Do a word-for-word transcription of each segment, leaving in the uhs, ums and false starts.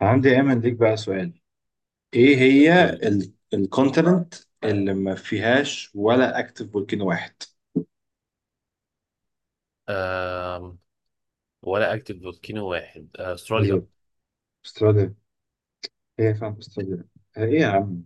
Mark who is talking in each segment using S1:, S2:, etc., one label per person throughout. S1: عندي يا ايمن ليك بقى سؤال. ايه هي
S2: قول.
S1: الكونتيننت اللي ما فيهاش ولا اكتف فولكانو واحد؟
S2: آم، ولا اكتف فولكينو واحد، استراليا.
S1: بالظبط، استراليا. هي فعلا استراليا. ايه يا عم،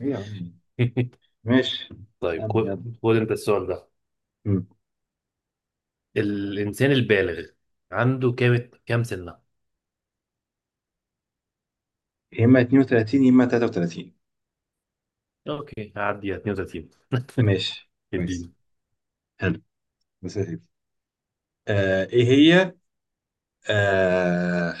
S1: ايه يا عم. ماشي،
S2: طيب،
S1: اسألني
S2: خد
S1: يلا.
S2: خد انت السؤال ده.
S1: مم.
S2: الانسان البالغ عنده كام كام سنه؟
S1: يا اما اتنين وتلاتين يا اما تلاتة وتلاتين.
S2: اوكي، هعدي اتنين وتلاتين.
S1: ماشي كويس.
S2: اديني.
S1: حلو، بس يا سيدي. آه ايه هي؟ آه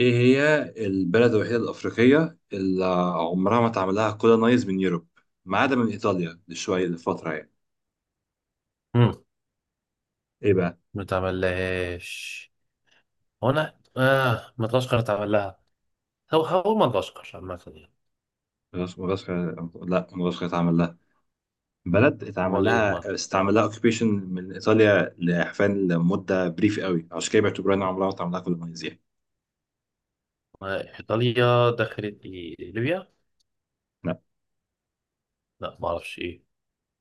S1: ايه هي البلد الوحيدة الأفريقية اللي عمرها ما اتعمل لها كولونايز من يوروب، ما عدا من إيطاليا لشوية لفترة يعني.
S2: مم،
S1: ايه،
S2: ما تعملهاش. هو انا اه مدغشقر اتعمل لها؟ هو هو مدغشقر عامة يعني.
S1: مدغشقر لا، مدغشقر اتعمل لها بلد، اتعمل
S2: امال ايه امال؟
S1: لها استعمل لها اوكيبيشن من ايطاليا لحفان لمده بريف قوي، عشان كده بيعتبروها انها عمرها ما اتعمل لها كولونيز يعني.
S2: آه، ايطاليا دخلت ايه، ليبيا؟
S1: لا،
S2: لا، ما اعرفش ايه.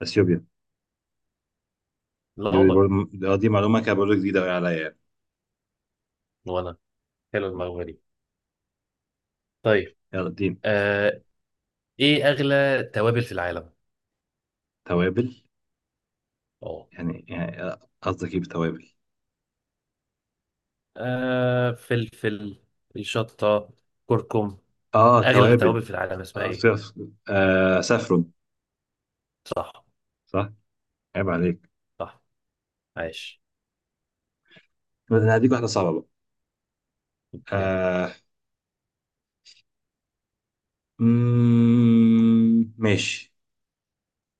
S1: اثيوبيا.
S2: لا
S1: دي
S2: والله.
S1: برضه، آه، دي معلومه كده برضه جديده قوي عليا يعني.
S2: وانا... حلو
S1: م.
S2: المعلومة دي. طيب.
S1: يلا اديني.
S2: آه ايه اغلى توابل في العالم؟
S1: توابل.
S2: اه.
S1: يعني يعني آه، قصدك ايه بتوابل؟
S2: آه، فلفل، شطة، كركم.
S1: اه،
S2: أغلى
S1: توابل.
S2: توابل في العالم اسمها
S1: آه، ف-
S2: إيه؟
S1: ف- آه، سافرون.
S2: صح.
S1: صح. عيب عليك.
S2: صح، عاش.
S1: انا هديك واحده صعبه بقى.
S2: أوكي.
S1: آه. مم، ماشي.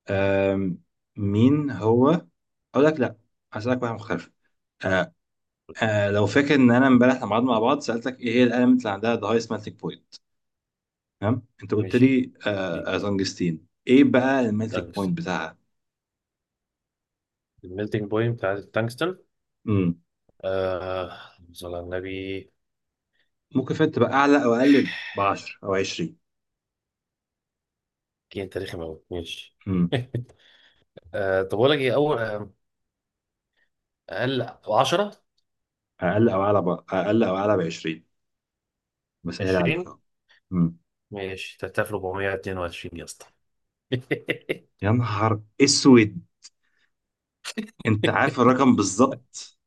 S1: آم، مين هو؟ اقول لك لا، هسألك واحدة مختلفة. آه. آه لو فاكر ان انا امبارح لما قعدنا مع بعض سألتك ايه هي الاليمنت اللي عندها the highest melting point. تمام، انت قلت
S2: ماشي.
S1: لي
S2: إيه،
S1: آه تنجستين. ايه بقى الميلتنج بوينت
S2: تانكستن.
S1: بتاعها؟
S2: الميلتنج بوينت بتاعت التانكستن.
S1: امم
S2: آه صلى على النبي.
S1: ممكن فات تبقى اعلى او اقل ب عشرة او عشرين.
S2: دي أنت رخم أوي، ماشي.
S1: امم
S2: آه طب أقول لك إيه؟ أول آه، أقل. عشرة.
S1: اقل او اعلى ب... اقل او اعلى ب عشرين. بسهل عليك
S2: عشرين.
S1: اهو. امم
S2: ماشي، تلات الاف واربعمية اتنين وعشرين يا اسطى.
S1: يا نهار اسود، انت عارف الرقم بالظبط.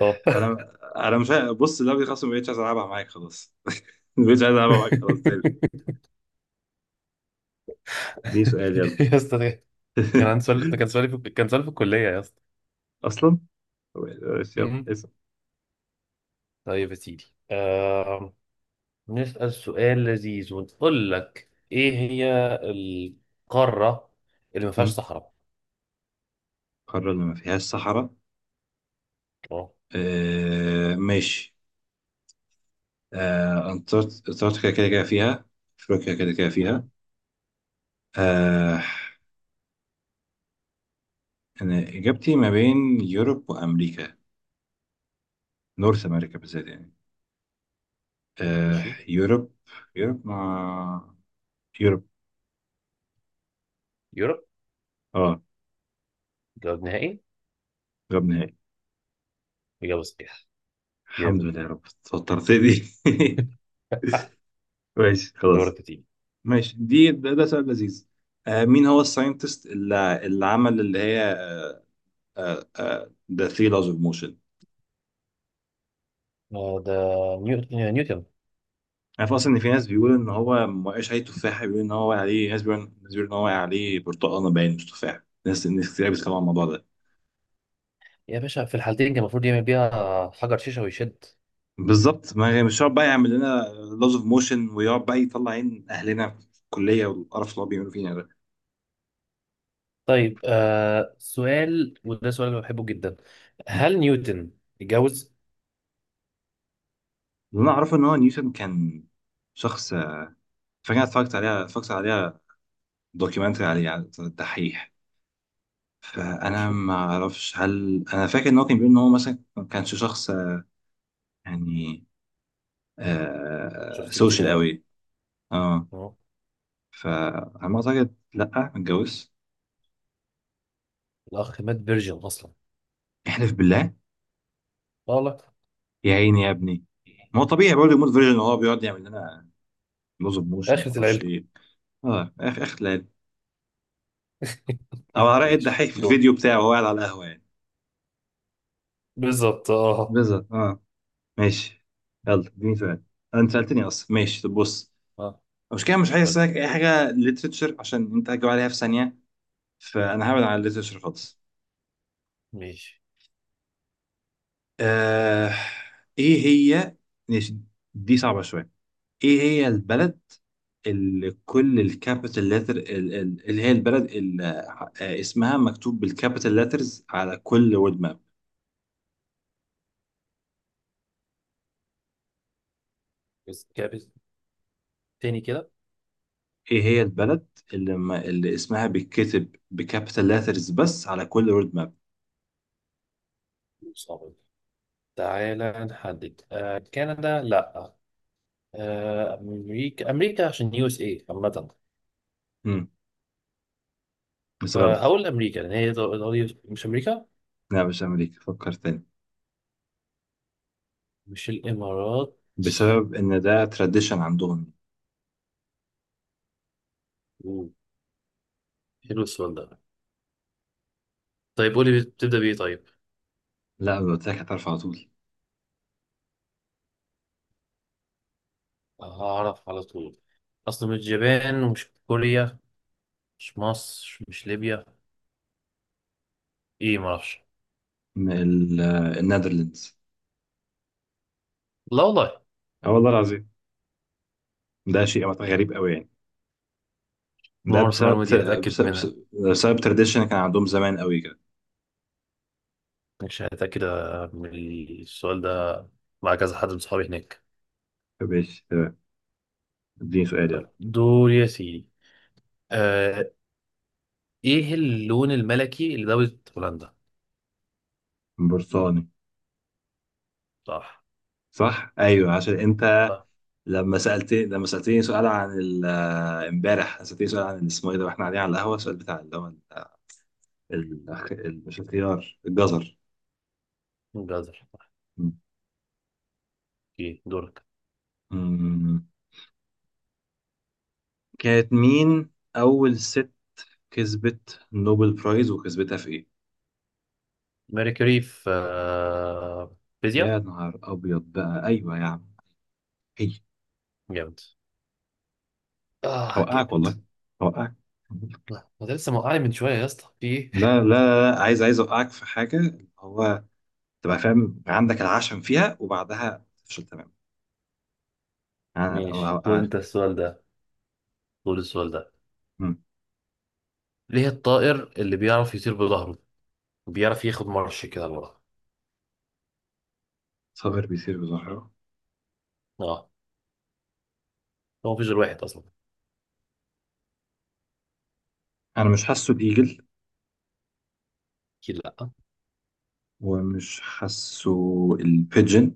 S2: اه.
S1: انا انا مش عارف، بص اللعبه دي خلاص ما بقتش عايز العبها معاك خلاص. ما بقتش عايز العبها معاك خلاص تاني. دي سؤال، يلا.
S2: يا اسطى، كان عندي سؤال. ده كان سؤالي في... كان سؤالي في الكلية يا اسطى.
S1: اصلا بس يلا
S2: مم.
S1: اسال.
S2: طيب يا سيدي. آه... نسأل سؤال لذيذ ونقول لك: ايه هي القارة اللي ما فيهاش
S1: مم.
S2: صحراء؟
S1: قارة اللي ما فيهاش صحراء.
S2: اه.
S1: آه، ماشي. آه أنتاركت- انتاركتيكا كده كده فيها. افريقيا كده كده فيها.
S2: مم.
S1: آه. انا اجابتي ما بين يوروب وامريكا، نورث امريكا بالذات يعني. آه.
S2: ماشي.
S1: يوروب، يوروب مع، يوروب.
S2: يوروب،
S1: اه،
S2: جواب نهائي.
S1: جاب نهائي.
S2: إجابة صحيحة.
S1: الحمد
S2: جامد.
S1: لله يا رب، توترت دي. ماشي خلاص.
S2: دورك يا سيدي.
S1: ماشي، دي ده, ده سؤال لذيذ. آه، مين هو الساينتست اللي, اللي عمل اللي هي ذا ثري لاز اوف موشن؟
S2: آه، ده نيوتن نيوتن.
S1: عارف اصلا ان في ناس بيقولوا ان هو ما وقعش عليه تفاحه، بيقولوا ان هو وقع عليه، ناس بيقولوا ناس بيقولوا ان هو وقع عليه برتقانه باين، مش تفاح. ناس ناس كتير بيتكلموا عن الموضوع ده.
S2: يا باشا، في الحالتين كان المفروض يعمل بيها حجر شيشة ويشد.
S1: بالظبط، ما مش هيقعد بقى يعمل لنا لاز اوف موشن ويقعد بقى يطلع عين اهلنا في الكليه والقرف اللي هو بيعملوا فينا ده.
S2: طيب آه سؤال، وده سؤال انا بحبه جدا. هل نيوتن اتجوز؟
S1: اللي انا اعرفه ان هو نيوتن كان شخص، آه، فاكر، اتفرجت عليها اتفرجت عليها دوكيومنتري عليه على الدحيح. فانا
S2: ماشي.
S1: ما اعرفش، هل انا فاكر ان هو كان بيقول ان هو مثلا ما كانش شخص آه، يعني، آه،
S2: شفت،
S1: سوشيال
S2: اجتماعي.
S1: قوي. اه،
S2: اه.
S1: فعلى ما اعتقد لا، ما اتجوزش.
S2: الاخ مات فيرجن اصلا.
S1: احلف بالله.
S2: والله.
S1: يا عيني يا ابني. ما هو طبيعي برضه يموت فيرجن وهو بيقعد يعمل لنا لوز اوف موشن وما
S2: اخرة
S1: اعرفش
S2: العلم.
S1: ايه. اه اخ اخلال. او على رأي
S2: ايش
S1: الدحيح في
S2: دول؟
S1: الفيديو بتاعه وهو قاعد على القهوه يعني.
S2: بالظبط اه.
S1: بالظبط اه. ماشي، يلا اديني سؤال. انت سالتني اصلا، ماشي طب بص،
S2: اه،
S1: مش كده مش عايز
S2: قول لي.
S1: اسالك اي حاجه ليترتشر عشان انت هتجاوب عليها في ثانيه. فانا هبعد عن الليترتشر خالص.
S2: ماشي.
S1: آه... ايه هي؟ ماشي. دي صعبه شويه. ايه هي البلد اللي كل الكابيتال لتر اللي هي البلد اللي آه، اسمها مكتوب بالكابيتال لترز على كل وود ماب؟
S2: بس كابت تاني كده.
S1: ايه هي البلد اللي, ما اللي اسمها بيتكتب بكابيتال لترز بس على كل وود ماب؟
S2: صعب. تعالى نحدد، آه كندا، لا. آه امريكا، امريكا عشان يو اس اي عامة.
S1: امم بس غلط.
S2: فهقول امريكا لان هي دول دول- مش امريكا.
S1: لا، مش امريكا، فكر تاني.
S2: مش الامارات.
S1: بسبب ان ده تراديشن عندهم.
S2: أوه، حلو السؤال ده. طيب، قولي بتبدأ بايه طيب.
S1: لا، لو قلت لك هتعرف على طول.
S2: هعرف على طول. اصلا مش اليابان ومش كوريا. مش مصر، مش ليبيا. ايه، ما اعرفش.
S1: إن ال- آه، النيدرلندز.
S2: لا والله.
S1: اه والله العظيم، ده شيء غريب قوي يعني. ده
S2: نمر في
S1: بسبب،
S2: المعلومه دي، هتاكد
S1: بسبب
S2: منها.
S1: بسبب تراديشن كان عندهم زمان قوي كده.
S2: مش هتاكد آه، من السؤال ده مع كذا حد من صحابي هناك.
S1: ماشي تمام. اديني سؤال يلا.
S2: طيب دور يا سيدي. آه ايه اللون الملكي لدولة هولندا؟
S1: برصاني.
S2: صح.
S1: صح، ايوه، عشان انت
S2: صح.
S1: لما سالت، لما سالتني سؤال عن ال- آه، امبارح سالتني سؤال عن اسمه ايه ده واحنا قاعدين على القهوه، السؤال بتاع اللي هو ال- ال- ال- مش الخيار، الجزر.
S2: جزر، صح.
S1: م-
S2: اوكي، دورك.
S1: م- كانت مين اول ست كسبت نوبل برايز وكسبتها في ايه؟
S2: ميركوري في آه،
S1: يا
S2: فيزياء.
S1: نهار ابيض بقى، ايوه يا عم، هي.
S2: جامد. اه
S1: اوقعك
S2: جامد.
S1: والله، اوقعك.
S2: ما ده لسه موقعني من شويه يا اسطى، في ايه؟
S1: لا لا لا، عايز عايز اوقعك في حاجه هو تبقى فاهم يبقى عندك العشم فيها وبعدها تفشل تماما. انا
S2: ماشي،
S1: و-
S2: خد
S1: آه.
S2: انت السؤال ده. خد السؤال ده.
S1: مم.
S2: ليه الطائر اللي بيعرف يطير بظهره بيعرف ياخد مرش كده لورا؟
S1: صابر بيصير بظهره.
S2: اه. هو مفيش غير واحد اصلا.
S1: انا مش حاسه، بيجل؟
S2: اكيد لا.
S1: ومش حاسه. البيجن.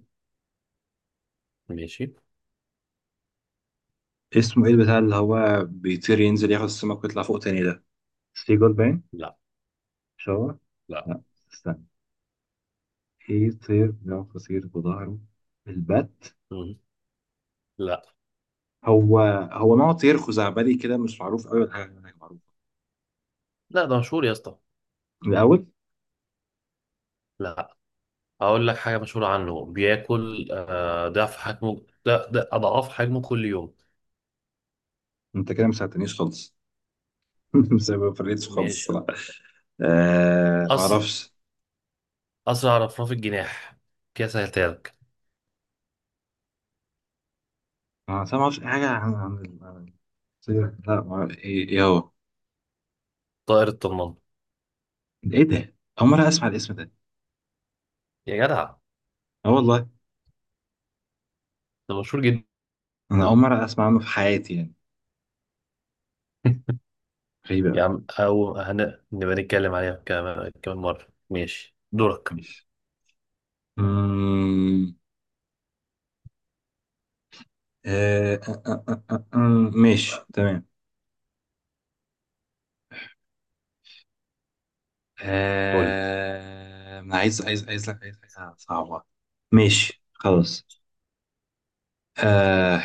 S2: ماشي.
S1: اسمه ايه البتاع اللي هو بيطير ينزل ياخد السمك ويطلع فوق تاني ده؟ سيجول باين.
S2: لا،
S1: مش هو.
S2: لا.
S1: لا. استنى. ايه طير بيعرف يطير بظهره؟ البت.
S2: مم. لا.
S1: هو هو نوع طير خزعبلي كده مش معروف قوي ولا حاجه هناك معروفه.
S2: لا، ده مشهور يا اسطى.
S1: الاول.
S2: لا، اقول لك حاجه مشهوره عنه. بياكل آه ضعف حجمه، لا ده اضعاف حجمه كل يوم.
S1: انت كده ما ساعدتنيش خالص. مش ما فريتش خالص
S2: ماشي.
S1: الصراحه. آه، ما
S2: أس...
S1: اعرفش.
S2: اسرع رفراف الجناح، كده سهلتها لك.
S1: انا أصلاً ما اعرفش اي حاجه عن عن ال- عن السيره، لا ما أعرف، ايه إيه هو؟
S2: طائر الطنان.
S1: ايه ده؟ اول مره اسمع الاسم ده.
S2: يا جدع،
S1: اه والله،
S2: ده مشهور جدا.
S1: انا اول مره اسمع عنه في حياتي يعني. غريبه
S2: يا
S1: قوي.
S2: عم، او هن... نبقى نتكلم عليها كمان كمان مره. ماشي، دورك.
S1: ماشي. أمم، آه، آه، آه، آه، آه، آه، ماشي تمام.
S2: قول لي.
S1: آه، انا عايز عايز عايز لك عايز حاجه صعبه. ماشي خلاص. آه،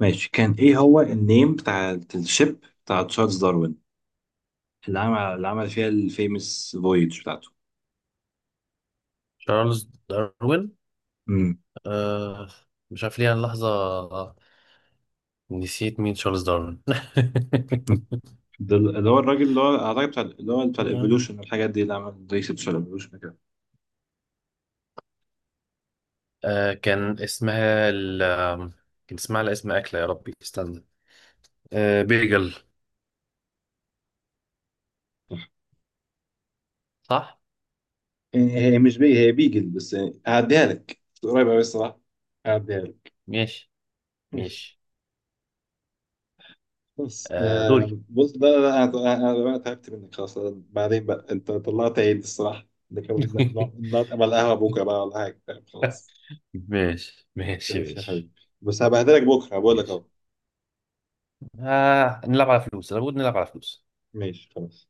S1: ماشي، كان ايه هو النيم بتاع الشيب بتاع تشارلز داروين اللي عمل اللي عمل فيها الفيمس فويج بتاعته؟
S2: تشارلز داروين.
S1: مم.
S2: آه مش عارف ليه، انا لحظة نسيت مين تشارلز داروين.
S1: ده اللي هو الراجل اللي هو اعتقد بتاع اللي هو بتاع الايفولوشن والحاجات دي، اللي عمل ريسيرش على الايفولوشن كده.
S2: آه كان اسمها ال... كان اسمها على اسم أكلة، يا ربي استنى. آه بيجل.
S1: صح.
S2: صح؟
S1: هي هي مش بي هي بيجل بس. هعديها لك قريبة أوي الصراحة، هعديها لك.
S2: ماشي.
S1: ماشي.
S2: ماشي.
S1: بس
S2: آه دوري.
S1: آم، بص، لا لا لا، أنا أنا أنا بقى تعبت منك خلاص، أنا، بعدين بقى أنت طلعت عيد الصراحة ده كمان. نقعد نقعد على القهوة بكرة بقى ولا حاجة، طيب، خلاص.
S2: ماشي، ماشي،
S1: ماشي يا
S2: ماشي،
S1: حبيبي، بس هبهدلك بكرة بقول لك
S2: ماشي.
S1: أهو.
S2: آه نلعب على فلوس، أنا بقول نلعب على فلوس.
S1: ماشي خلاص.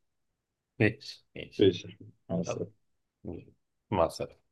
S2: ماشي، ماشي.
S1: ماشي يا حبيبي، مع
S2: يلا.
S1: السلامة.
S2: مع السلامة.